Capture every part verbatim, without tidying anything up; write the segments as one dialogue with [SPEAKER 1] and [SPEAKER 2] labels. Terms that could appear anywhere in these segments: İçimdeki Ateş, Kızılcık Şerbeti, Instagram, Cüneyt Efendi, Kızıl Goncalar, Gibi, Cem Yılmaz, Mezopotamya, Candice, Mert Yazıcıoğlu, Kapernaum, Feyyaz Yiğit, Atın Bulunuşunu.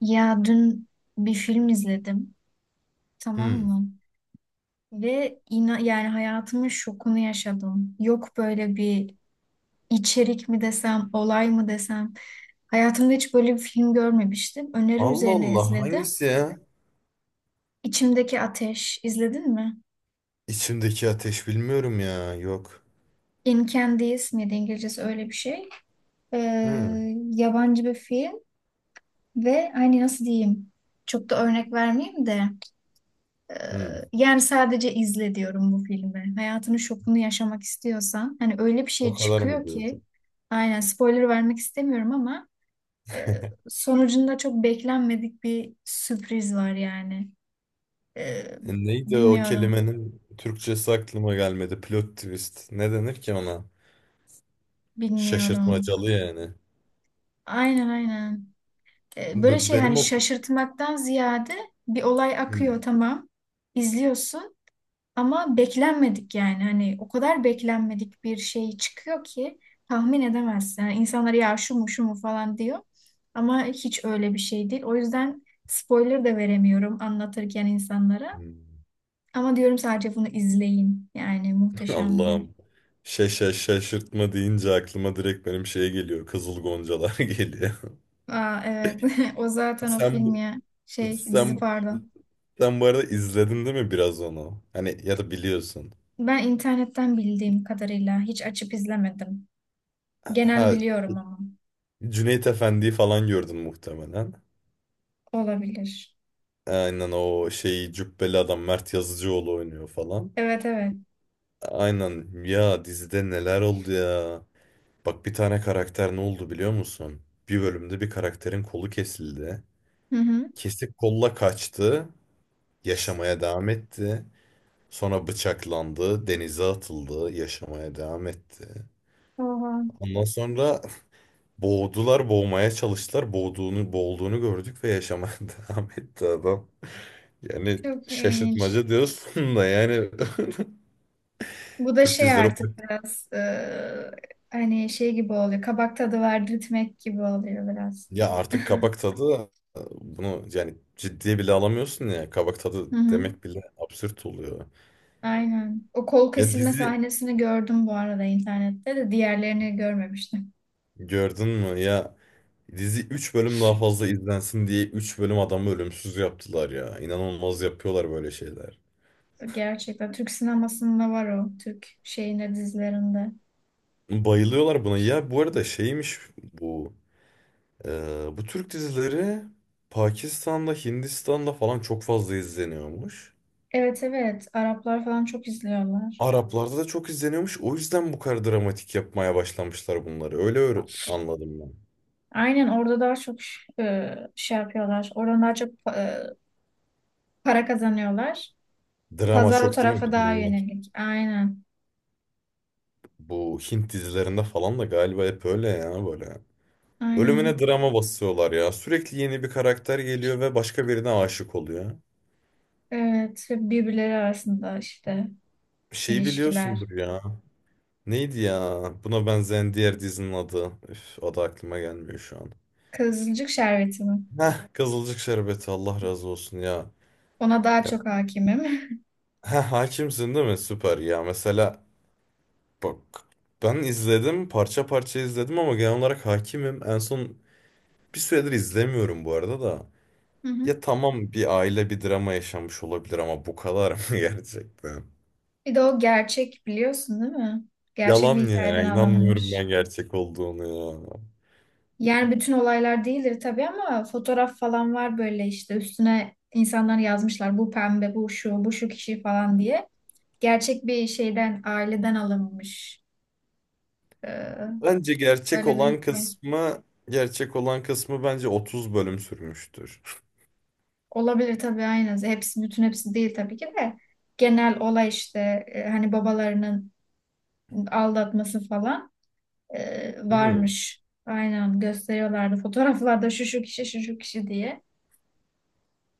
[SPEAKER 1] Ya dün bir film izledim, tamam
[SPEAKER 2] Hmm.
[SPEAKER 1] mı? Ve ina yani hayatımın şokunu yaşadım. Yok böyle bir içerik mi desem, olay mı desem. Hayatımda hiç böyle bir film görmemiştim. Öneri
[SPEAKER 2] Allah
[SPEAKER 1] üzerine
[SPEAKER 2] Allah
[SPEAKER 1] izledim.
[SPEAKER 2] hangisi ya?
[SPEAKER 1] İçimdeki Ateş, izledin mi?
[SPEAKER 2] İçimdeki ateş bilmiyorum ya. Yok.
[SPEAKER 1] In Candice miydi İngilizcesi öyle bir şey. Ee,
[SPEAKER 2] Hmm.
[SPEAKER 1] Yabancı bir film ve hani nasıl diyeyim? Çok da örnek vermeyeyim de. Ee,
[SPEAKER 2] Hmm.
[SPEAKER 1] Yani sadece izle diyorum bu filmi. Hayatının şokunu yaşamak istiyorsan hani öyle bir
[SPEAKER 2] O
[SPEAKER 1] şey
[SPEAKER 2] kadar mı
[SPEAKER 1] çıkıyor ki
[SPEAKER 2] diyorsun?
[SPEAKER 1] aynen spoiler vermek istemiyorum ama e, sonucunda çok beklenmedik bir sürpriz var yani. Ee,
[SPEAKER 2] E neydi o
[SPEAKER 1] bilmiyorum,
[SPEAKER 2] kelimenin Türkçesi aklıma gelmedi. Plot twist. Ne denir ki ona?
[SPEAKER 1] bilmiyorum.
[SPEAKER 2] Şaşırtmacalı yani.
[SPEAKER 1] Aynen aynen. Ee, böyle
[SPEAKER 2] B-
[SPEAKER 1] şey hani
[SPEAKER 2] benim o.
[SPEAKER 1] şaşırtmaktan ziyade bir olay akıyor
[SPEAKER 2] Hmm.
[SPEAKER 1] tamam. İzliyorsun. Ama beklenmedik yani hani o kadar beklenmedik bir şey çıkıyor ki tahmin edemezsin. Yani insanlar ya şu mu şu mu falan diyor ama hiç öyle bir şey değil. O yüzden spoiler da veremiyorum anlatırken insanlara.
[SPEAKER 2] Hmm.
[SPEAKER 1] Ama diyorum sadece bunu izleyin. Yani muhteşemdi.
[SPEAKER 2] Allah'ım. Şaşa şaşırtma deyince aklıma direkt benim şey geliyor. Kızıl Goncalar geliyor.
[SPEAKER 1] Aa, evet o zaten o
[SPEAKER 2] Sen
[SPEAKER 1] film
[SPEAKER 2] bu.
[SPEAKER 1] ya şey dizi
[SPEAKER 2] Sen,
[SPEAKER 1] pardon.
[SPEAKER 2] sen bu arada izledin değil mi biraz onu? Hani ya da biliyorsun.
[SPEAKER 1] Ben internetten bildiğim kadarıyla hiç açıp izlemedim. Genel
[SPEAKER 2] Ha,
[SPEAKER 1] biliyorum ama
[SPEAKER 2] Cüneyt Efendi'yi falan gördün muhtemelen.
[SPEAKER 1] olabilir.
[SPEAKER 2] Aynen o şeyi cübbeli adam Mert Yazıcıoğlu oynuyor falan.
[SPEAKER 1] Evet evet.
[SPEAKER 2] Aynen ya dizide neler oldu ya. Bak bir tane karakter ne oldu biliyor musun? Bir bölümde bir karakterin kolu kesildi.
[SPEAKER 1] Hı hı.
[SPEAKER 2] Kesik kolla kaçtı. Yaşamaya devam etti. Sonra bıçaklandı. Denize atıldı. Yaşamaya devam etti.
[SPEAKER 1] Oha.
[SPEAKER 2] Ondan sonra boğdular, boğmaya çalıştılar. Boğduğunu, boğulduğunu gördük ve yaşamaya devam etti adam. Yani
[SPEAKER 1] Çok ilginç.
[SPEAKER 2] şaşırtmaca diyorsun da yani.
[SPEAKER 1] Bu da
[SPEAKER 2] Türk
[SPEAKER 1] şey
[SPEAKER 2] dizileri, o-
[SPEAKER 1] artık biraz e, hani şey gibi oluyor. Kabak tadı verdirtmek gibi oluyor biraz.
[SPEAKER 2] ya artık kabak tadı, bunu yani ciddiye bile alamıyorsun ya, kabak tadı
[SPEAKER 1] Hı hı.
[SPEAKER 2] demek bile absürt oluyor.
[SPEAKER 1] Aynen. O kol
[SPEAKER 2] Ya
[SPEAKER 1] kesilme
[SPEAKER 2] dizi
[SPEAKER 1] sahnesini gördüm bu arada internette de diğerlerini görmemiştim.
[SPEAKER 2] gördün mü ya? Dizi üç bölüm daha fazla izlensin diye üç bölüm adamı ölümsüz yaptılar ya. İnanılmaz yapıyorlar böyle şeyler.
[SPEAKER 1] Gerçekten Türk sinemasında var o. Türk şeyinde dizilerinde.
[SPEAKER 2] Bayılıyorlar buna. Ya bu arada şeymiş bu e, bu Türk dizileri Pakistan'da Hindistan'da falan çok fazla izleniyormuş.
[SPEAKER 1] Evet evet. Araplar falan çok izliyorlar.
[SPEAKER 2] Araplarda da çok izleniyormuş. O yüzden bu kadar dramatik yapmaya başlamışlar bunları. Öyle öğre- anladım ben.
[SPEAKER 1] Aynen orada daha çok e, şey yapıyorlar. Oradan daha çok e, para kazanıyorlar.
[SPEAKER 2] Drama
[SPEAKER 1] Pazar o
[SPEAKER 2] çok değil mi?
[SPEAKER 1] tarafa
[SPEAKER 2] Bir de
[SPEAKER 1] daha
[SPEAKER 2] bunlar.
[SPEAKER 1] yönelik. Aynen.
[SPEAKER 2] Bu Hint dizilerinde falan da galiba hep öyle ya böyle. Ölümüne
[SPEAKER 1] Aynen.
[SPEAKER 2] drama basıyorlar ya. Sürekli yeni bir karakter geliyor ve başka birine aşık oluyor.
[SPEAKER 1] Evet ve birbirleri arasında işte
[SPEAKER 2] Şeyi
[SPEAKER 1] ilişkiler.
[SPEAKER 2] biliyorsundur ya. Neydi ya? Buna benzeyen diğer dizinin adı. Üf, adı aklıma gelmiyor şu an.
[SPEAKER 1] Kızılcık Şerbeti mi?
[SPEAKER 2] Heh, Kızılcık Şerbeti Allah razı olsun ya.
[SPEAKER 1] Ona daha
[SPEAKER 2] Ya
[SPEAKER 1] çok hakimim.
[SPEAKER 2] heh, hakimsin değil mi? Süper ya. Mesela bak, ben izledim parça parça izledim ama genel olarak hakimim. En son bir süredir izlemiyorum bu arada da.
[SPEAKER 1] Hı hı.
[SPEAKER 2] Ya tamam bir aile bir drama yaşamış olabilir ama bu kadar mı gerçekten?
[SPEAKER 1] Bir de o gerçek biliyorsun değil mi? Gerçek bir
[SPEAKER 2] Yalan ya,
[SPEAKER 1] hikayeden
[SPEAKER 2] inanmıyorum
[SPEAKER 1] alınmış.
[SPEAKER 2] ben gerçek olduğunu ya.
[SPEAKER 1] Yani bütün olaylar değildir tabii ama fotoğraf falan var böyle işte üstüne insanlar yazmışlar bu pembe, bu şu, bu şu kişi falan diye. Gerçek bir şeyden, aileden alınmış. Ee,
[SPEAKER 2] Bence gerçek
[SPEAKER 1] Öyle bir
[SPEAKER 2] olan
[SPEAKER 1] hikaye.
[SPEAKER 2] kısmı gerçek olan kısmı bence otuz bölüm sürmüştür.
[SPEAKER 1] Olabilir tabii aynen. Hepsi bütün hepsi değil tabii ki de. Genel olay işte e, hani babalarının aldatması falan e,
[SPEAKER 2] Hmm.
[SPEAKER 1] varmış. Aynen gösteriyorlardı fotoğraflarda şu şu kişi şu şu kişi diye.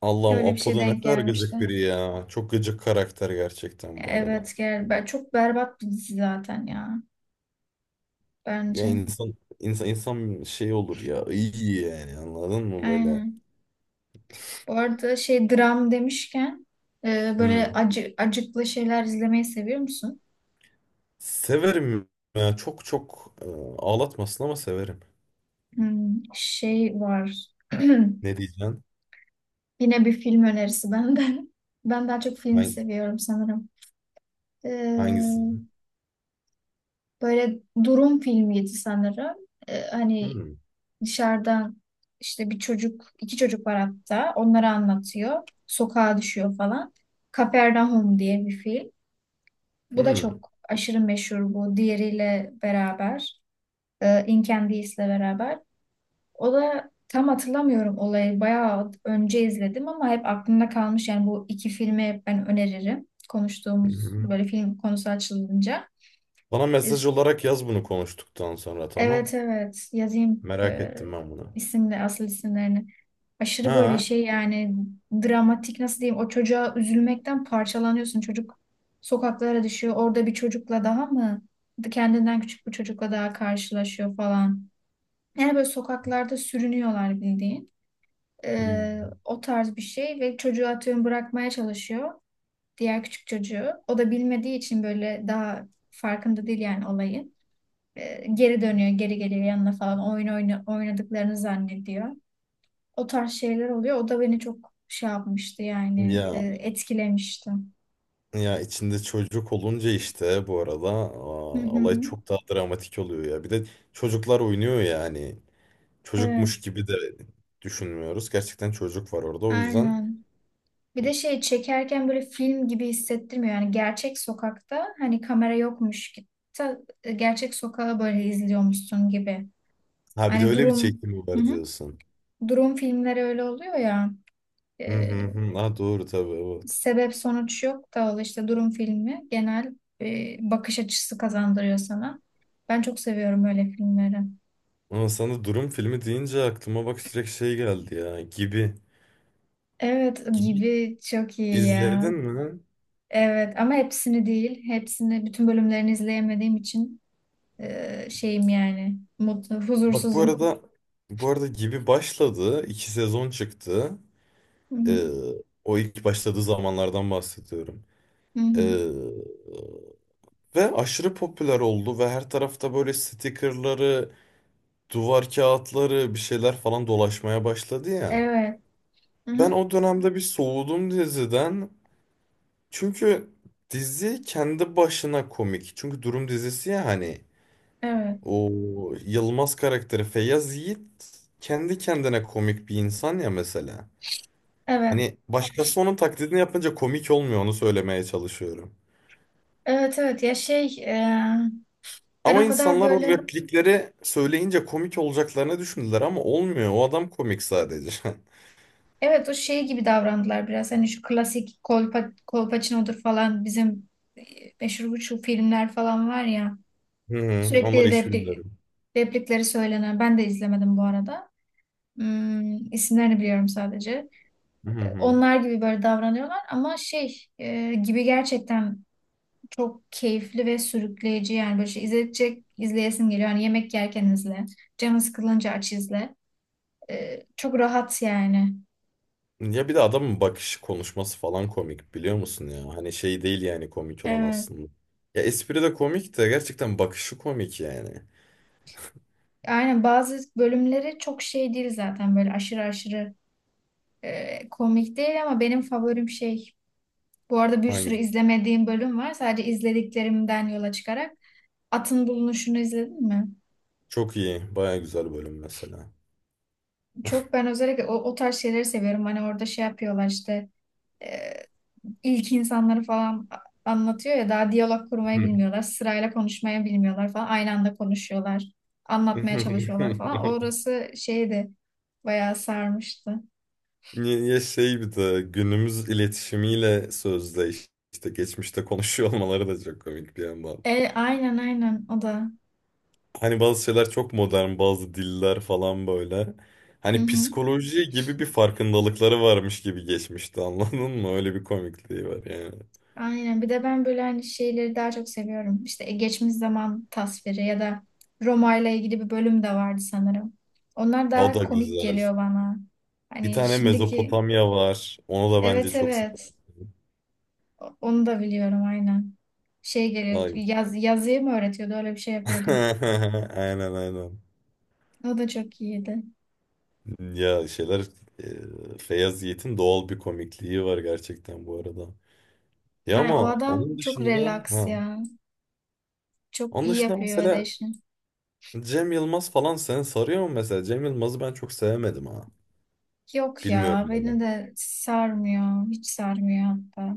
[SPEAKER 2] Allah'ım,
[SPEAKER 1] Öyle bir şey
[SPEAKER 2] Apo'da ne
[SPEAKER 1] denk
[SPEAKER 2] kadar
[SPEAKER 1] gelmişti.
[SPEAKER 2] gıcık biri ya. Çok gıcık karakter gerçekten bu arada.
[SPEAKER 1] Evet gel. ben- Çok berbat bir dizi zaten ya.
[SPEAKER 2] Ya
[SPEAKER 1] Bence.
[SPEAKER 2] insan insan insan şey olur ya iyi, yani anladın mı böyle?
[SPEAKER 1] Aynen. Bu arada şey dram demişken e, böyle
[SPEAKER 2] Hmm.
[SPEAKER 1] acı acıklı şeyler izlemeyi seviyor musun?
[SPEAKER 2] Severim, ya çok çok e, ağlatmasın ama severim.
[SPEAKER 1] Hmm, şey var.
[SPEAKER 2] Ne diyeceksin?
[SPEAKER 1] Yine bir film önerisi benden. Ben daha çok film
[SPEAKER 2] Ben
[SPEAKER 1] seviyorum sanırım. Ee,
[SPEAKER 2] hangisini?
[SPEAKER 1] Böyle durum filmiydi sanırım. Ee, hani
[SPEAKER 2] Hmm.
[SPEAKER 1] dışarıdan işte bir çocuk, iki çocuk var hatta. Onları anlatıyor. Sokağa düşüyor falan. Kapernaum diye bir film. Bu da
[SPEAKER 2] Hmm.
[SPEAKER 1] çok aşırı meşhur bu. Diğeriyle beraber. E, In Candice ile beraber. O da tam hatırlamıyorum olayı. Bayağı önce izledim ama hep aklımda kalmış. Yani bu iki filmi ben öneririm. Konuştuğumuz
[SPEAKER 2] Hmm.
[SPEAKER 1] böyle film konusu açılınca.
[SPEAKER 2] Bana
[SPEAKER 1] E,
[SPEAKER 2] mesaj olarak yaz bunu konuştuktan sonra, tamam.
[SPEAKER 1] Evet evet yazayım
[SPEAKER 2] Merak
[SPEAKER 1] e,
[SPEAKER 2] ettim ben bunu.
[SPEAKER 1] isimle asıl isimlerini. Aşırı böyle
[SPEAKER 2] Ha?
[SPEAKER 1] şey yani dramatik nasıl diyeyim o çocuğa üzülmekten parçalanıyorsun. Çocuk sokaklara düşüyor. Orada bir çocukla daha mı kendinden küçük bir çocukla daha karşılaşıyor falan. Yani böyle sokaklarda sürünüyorlar bildiğin. Ee,
[SPEAKER 2] Hmm.
[SPEAKER 1] o tarz bir şey ve çocuğu atıyorum bırakmaya çalışıyor. Diğer küçük çocuğu. O da bilmediği için böyle daha farkında değil yani olayın. Ee, geri dönüyor, geri geliyor yanına falan. Oyun oyna, oynadıklarını zannediyor. O tarz şeyler oluyor. O da beni çok şey yapmıştı yani e,
[SPEAKER 2] Ya
[SPEAKER 1] etkilemişti.
[SPEAKER 2] ya içinde çocuk olunca işte bu arada, aa,
[SPEAKER 1] Hı hı.
[SPEAKER 2] olay çok daha dramatik oluyor ya. Bir de çocuklar oynuyor yani.
[SPEAKER 1] Evet,
[SPEAKER 2] Çocukmuş gibi de düşünmüyoruz. Gerçekten çocuk var orada. O yüzden
[SPEAKER 1] aynen. Bir de şey çekerken böyle film gibi hissettirmiyor. Yani gerçek sokakta hani kamera yokmuş ki Ta- gerçek sokağı böyle izliyormuşsun gibi.
[SPEAKER 2] ha, bir de
[SPEAKER 1] Hani
[SPEAKER 2] öyle bir
[SPEAKER 1] durum
[SPEAKER 2] çekimi
[SPEAKER 1] hı
[SPEAKER 2] var
[SPEAKER 1] hı.
[SPEAKER 2] diyorsun.
[SPEAKER 1] Durum filmleri öyle oluyor ya.
[SPEAKER 2] Hı hı
[SPEAKER 1] e,
[SPEAKER 2] hı. Ha, doğru tabii, evet.
[SPEAKER 1] Sebep sonuç yok da o işte durum filmi genel e, bakış açısı kazandırıyor sana. Ben çok seviyorum öyle filmleri.
[SPEAKER 2] Ama sana durum filmi deyince aklıma bak direkt şey geldi ya. Gibi.
[SPEAKER 1] Evet
[SPEAKER 2] Gibi
[SPEAKER 1] gibi çok iyi
[SPEAKER 2] izledin
[SPEAKER 1] ya.
[SPEAKER 2] mi?
[SPEAKER 1] Evet ama hepsini değil. Hepsini bütün bölümlerini izleyemediğim için e, şeyim yani mutlu,
[SPEAKER 2] Bak bu
[SPEAKER 1] huzursuzum.
[SPEAKER 2] arada, bu arada Gibi başladı. İki sezon çıktı.
[SPEAKER 1] Hı hı.
[SPEAKER 2] Ee, o ilk başladığı zamanlardan bahsediyorum.
[SPEAKER 1] Hı hı.
[SPEAKER 2] Ee, ve aşırı popüler oldu ve her tarafta böyle stickerları, duvar kağıtları, bir şeyler falan dolaşmaya başladı ya.
[SPEAKER 1] Evet. Hı
[SPEAKER 2] Ben
[SPEAKER 1] hı.
[SPEAKER 2] o dönemde bir soğudum diziden. Çünkü dizi kendi başına komik. Çünkü durum dizisi ya, hani
[SPEAKER 1] Evet.
[SPEAKER 2] o Yılmaz karakteri Feyyaz Yiğit kendi kendine komik bir insan ya mesela.
[SPEAKER 1] Evet.
[SPEAKER 2] Hani başkası onun taklidini yapınca komik olmuyor, onu söylemeye çalışıyorum.
[SPEAKER 1] Evet evet ya şey e, ben
[SPEAKER 2] Ama
[SPEAKER 1] o kadar
[SPEAKER 2] insanlar o
[SPEAKER 1] böyle
[SPEAKER 2] replikleri söyleyince komik olacaklarını düşündüler, ama olmuyor. O adam komik sadece.
[SPEAKER 1] evet o şey gibi davrandılar biraz. Hani şu klasik kolpa, Kolpaçino'dur falan bizim e, meşhur bu şu filmler falan var ya.
[SPEAKER 2] Hı hı, onları
[SPEAKER 1] Sürekli
[SPEAKER 2] hiç
[SPEAKER 1] replik,
[SPEAKER 2] bilmiyorum.
[SPEAKER 1] replikleri söylenen. Ben de izlemedim bu arada. Hmm, isimlerini biliyorum sadece.
[SPEAKER 2] Hı hı.
[SPEAKER 1] Onlar gibi böyle davranıyorlar ama şey e, gibi gerçekten çok keyifli ve sürükleyici yani böyle şey izleyecek izleyesin geliyor. Hani yemek yerken izle, canın sıkılınca aç izle. E, çok rahat yani.
[SPEAKER 2] Ya bir de adamın bakışı, konuşması falan komik, biliyor musun ya? Hani şey değil yani komik olan
[SPEAKER 1] Evet.
[SPEAKER 2] aslında. Ya espri de komik de, gerçekten bakışı komik yani.
[SPEAKER 1] Aynen bazı bölümleri çok şey değil zaten böyle aşırı aşırı e, komik değil ama benim favorim şey. Bu arada bir sürü
[SPEAKER 2] Hangi?
[SPEAKER 1] izlemediğim bölüm var. Sadece izlediklerimden yola çıkarak Atın Bulunuşunu izledin mi?
[SPEAKER 2] Çok iyi. Baya güzel bölüm mesela.
[SPEAKER 1] Çok ben özellikle o, o tarz şeyleri seviyorum. Hani orada şey yapıyorlar işte e, ilk insanları falan a- anlatıyor ya daha diyalog kurmayı
[SPEAKER 2] Hı.
[SPEAKER 1] bilmiyorlar. Sırayla konuşmayı bilmiyorlar falan. Aynı anda konuşuyorlar. Anlatmaya çalışıyorlar falan. Orası şeydi bayağı sarmıştı.
[SPEAKER 2] Ya şey, bir de günümüz iletişimiyle sözde işte geçmişte konuşuyor olmaları da çok komik bir yandan.
[SPEAKER 1] E, aynen aynen o da.
[SPEAKER 2] Hani bazı şeyler çok modern, bazı diller falan böyle.
[SPEAKER 1] Hı
[SPEAKER 2] Hani
[SPEAKER 1] hı.
[SPEAKER 2] psikoloji gibi bir farkındalıkları varmış gibi geçmişti, anladın mı? Öyle bir komikliği var yani.
[SPEAKER 1] Aynen. Bir de ben böyle hani şeyleri daha çok seviyorum. İşte e, geçmiş zaman tasviri ya da Roma ile ilgili bir bölüm de vardı sanırım. Onlar
[SPEAKER 2] O
[SPEAKER 1] daha
[SPEAKER 2] da
[SPEAKER 1] komik
[SPEAKER 2] güzel.
[SPEAKER 1] geliyor bana.
[SPEAKER 2] Bir
[SPEAKER 1] Hani
[SPEAKER 2] tane
[SPEAKER 1] şimdiki
[SPEAKER 2] Mezopotamya var. Onu da bence
[SPEAKER 1] evet
[SPEAKER 2] çok
[SPEAKER 1] evet
[SPEAKER 2] severdim.
[SPEAKER 1] O- onu da biliyorum aynen. Şey geliyor
[SPEAKER 2] Ay.
[SPEAKER 1] yaz, yazıyı mı öğretiyordu öyle bir şey yapıyordu.
[SPEAKER 2] Aynen aynen.
[SPEAKER 1] O da çok iyiydi.
[SPEAKER 2] Ya şeyler, e, Feyyaz Yiğit'in doğal bir komikliği var gerçekten bu arada. Ya
[SPEAKER 1] Ay, o
[SPEAKER 2] ama onun
[SPEAKER 1] adam çok
[SPEAKER 2] dışında
[SPEAKER 1] relax
[SPEAKER 2] ha.
[SPEAKER 1] ya. Çok
[SPEAKER 2] Onun
[SPEAKER 1] iyi
[SPEAKER 2] dışında
[SPEAKER 1] yapıyor öyle
[SPEAKER 2] mesela
[SPEAKER 1] işini.
[SPEAKER 2] Cem Yılmaz falan seni sarıyor mu mesela? Cem Yılmaz'ı ben çok sevemedim ha.
[SPEAKER 1] Yok
[SPEAKER 2] Bilmiyorum
[SPEAKER 1] ya
[SPEAKER 2] neden.
[SPEAKER 1] beni de sarmıyor. Hiç sarmıyor hatta.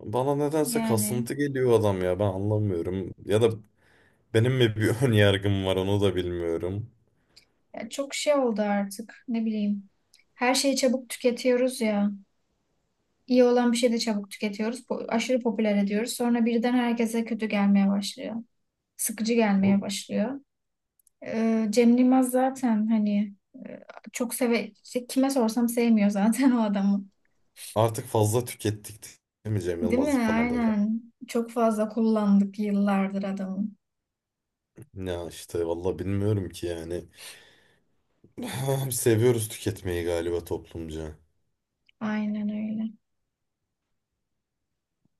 [SPEAKER 2] Bana nedense
[SPEAKER 1] Yani
[SPEAKER 2] kasıntı geliyor adam ya, ben anlamıyorum. Ya da benim mi bir ön yargım var, onu da bilmiyorum.
[SPEAKER 1] ya çok şey oldu artık ne bileyim. Her şeyi çabuk tüketiyoruz ya. İyi olan bir şeyi de çabuk tüketiyoruz. po- Aşırı popüler ediyoruz. Sonra birden herkese kötü gelmeye başlıyor. Sıkıcı gelmeye
[SPEAKER 2] Bu-
[SPEAKER 1] başlıyor. Ee, Cem Yılmaz zaten hani e, çok seve işte kime sorsam sevmiyor zaten o adamı.
[SPEAKER 2] Artık fazla tükettik değil mi Cem
[SPEAKER 1] Değil
[SPEAKER 2] Yılmaz'ı
[SPEAKER 1] mi?
[SPEAKER 2] falan da.
[SPEAKER 1] Aynen. Çok fazla kullandık yıllardır adamı.
[SPEAKER 2] Ya işte valla bilmiyorum ki yani. Seviyoruz tüketmeyi galiba toplumca.
[SPEAKER 1] Aynen öyle.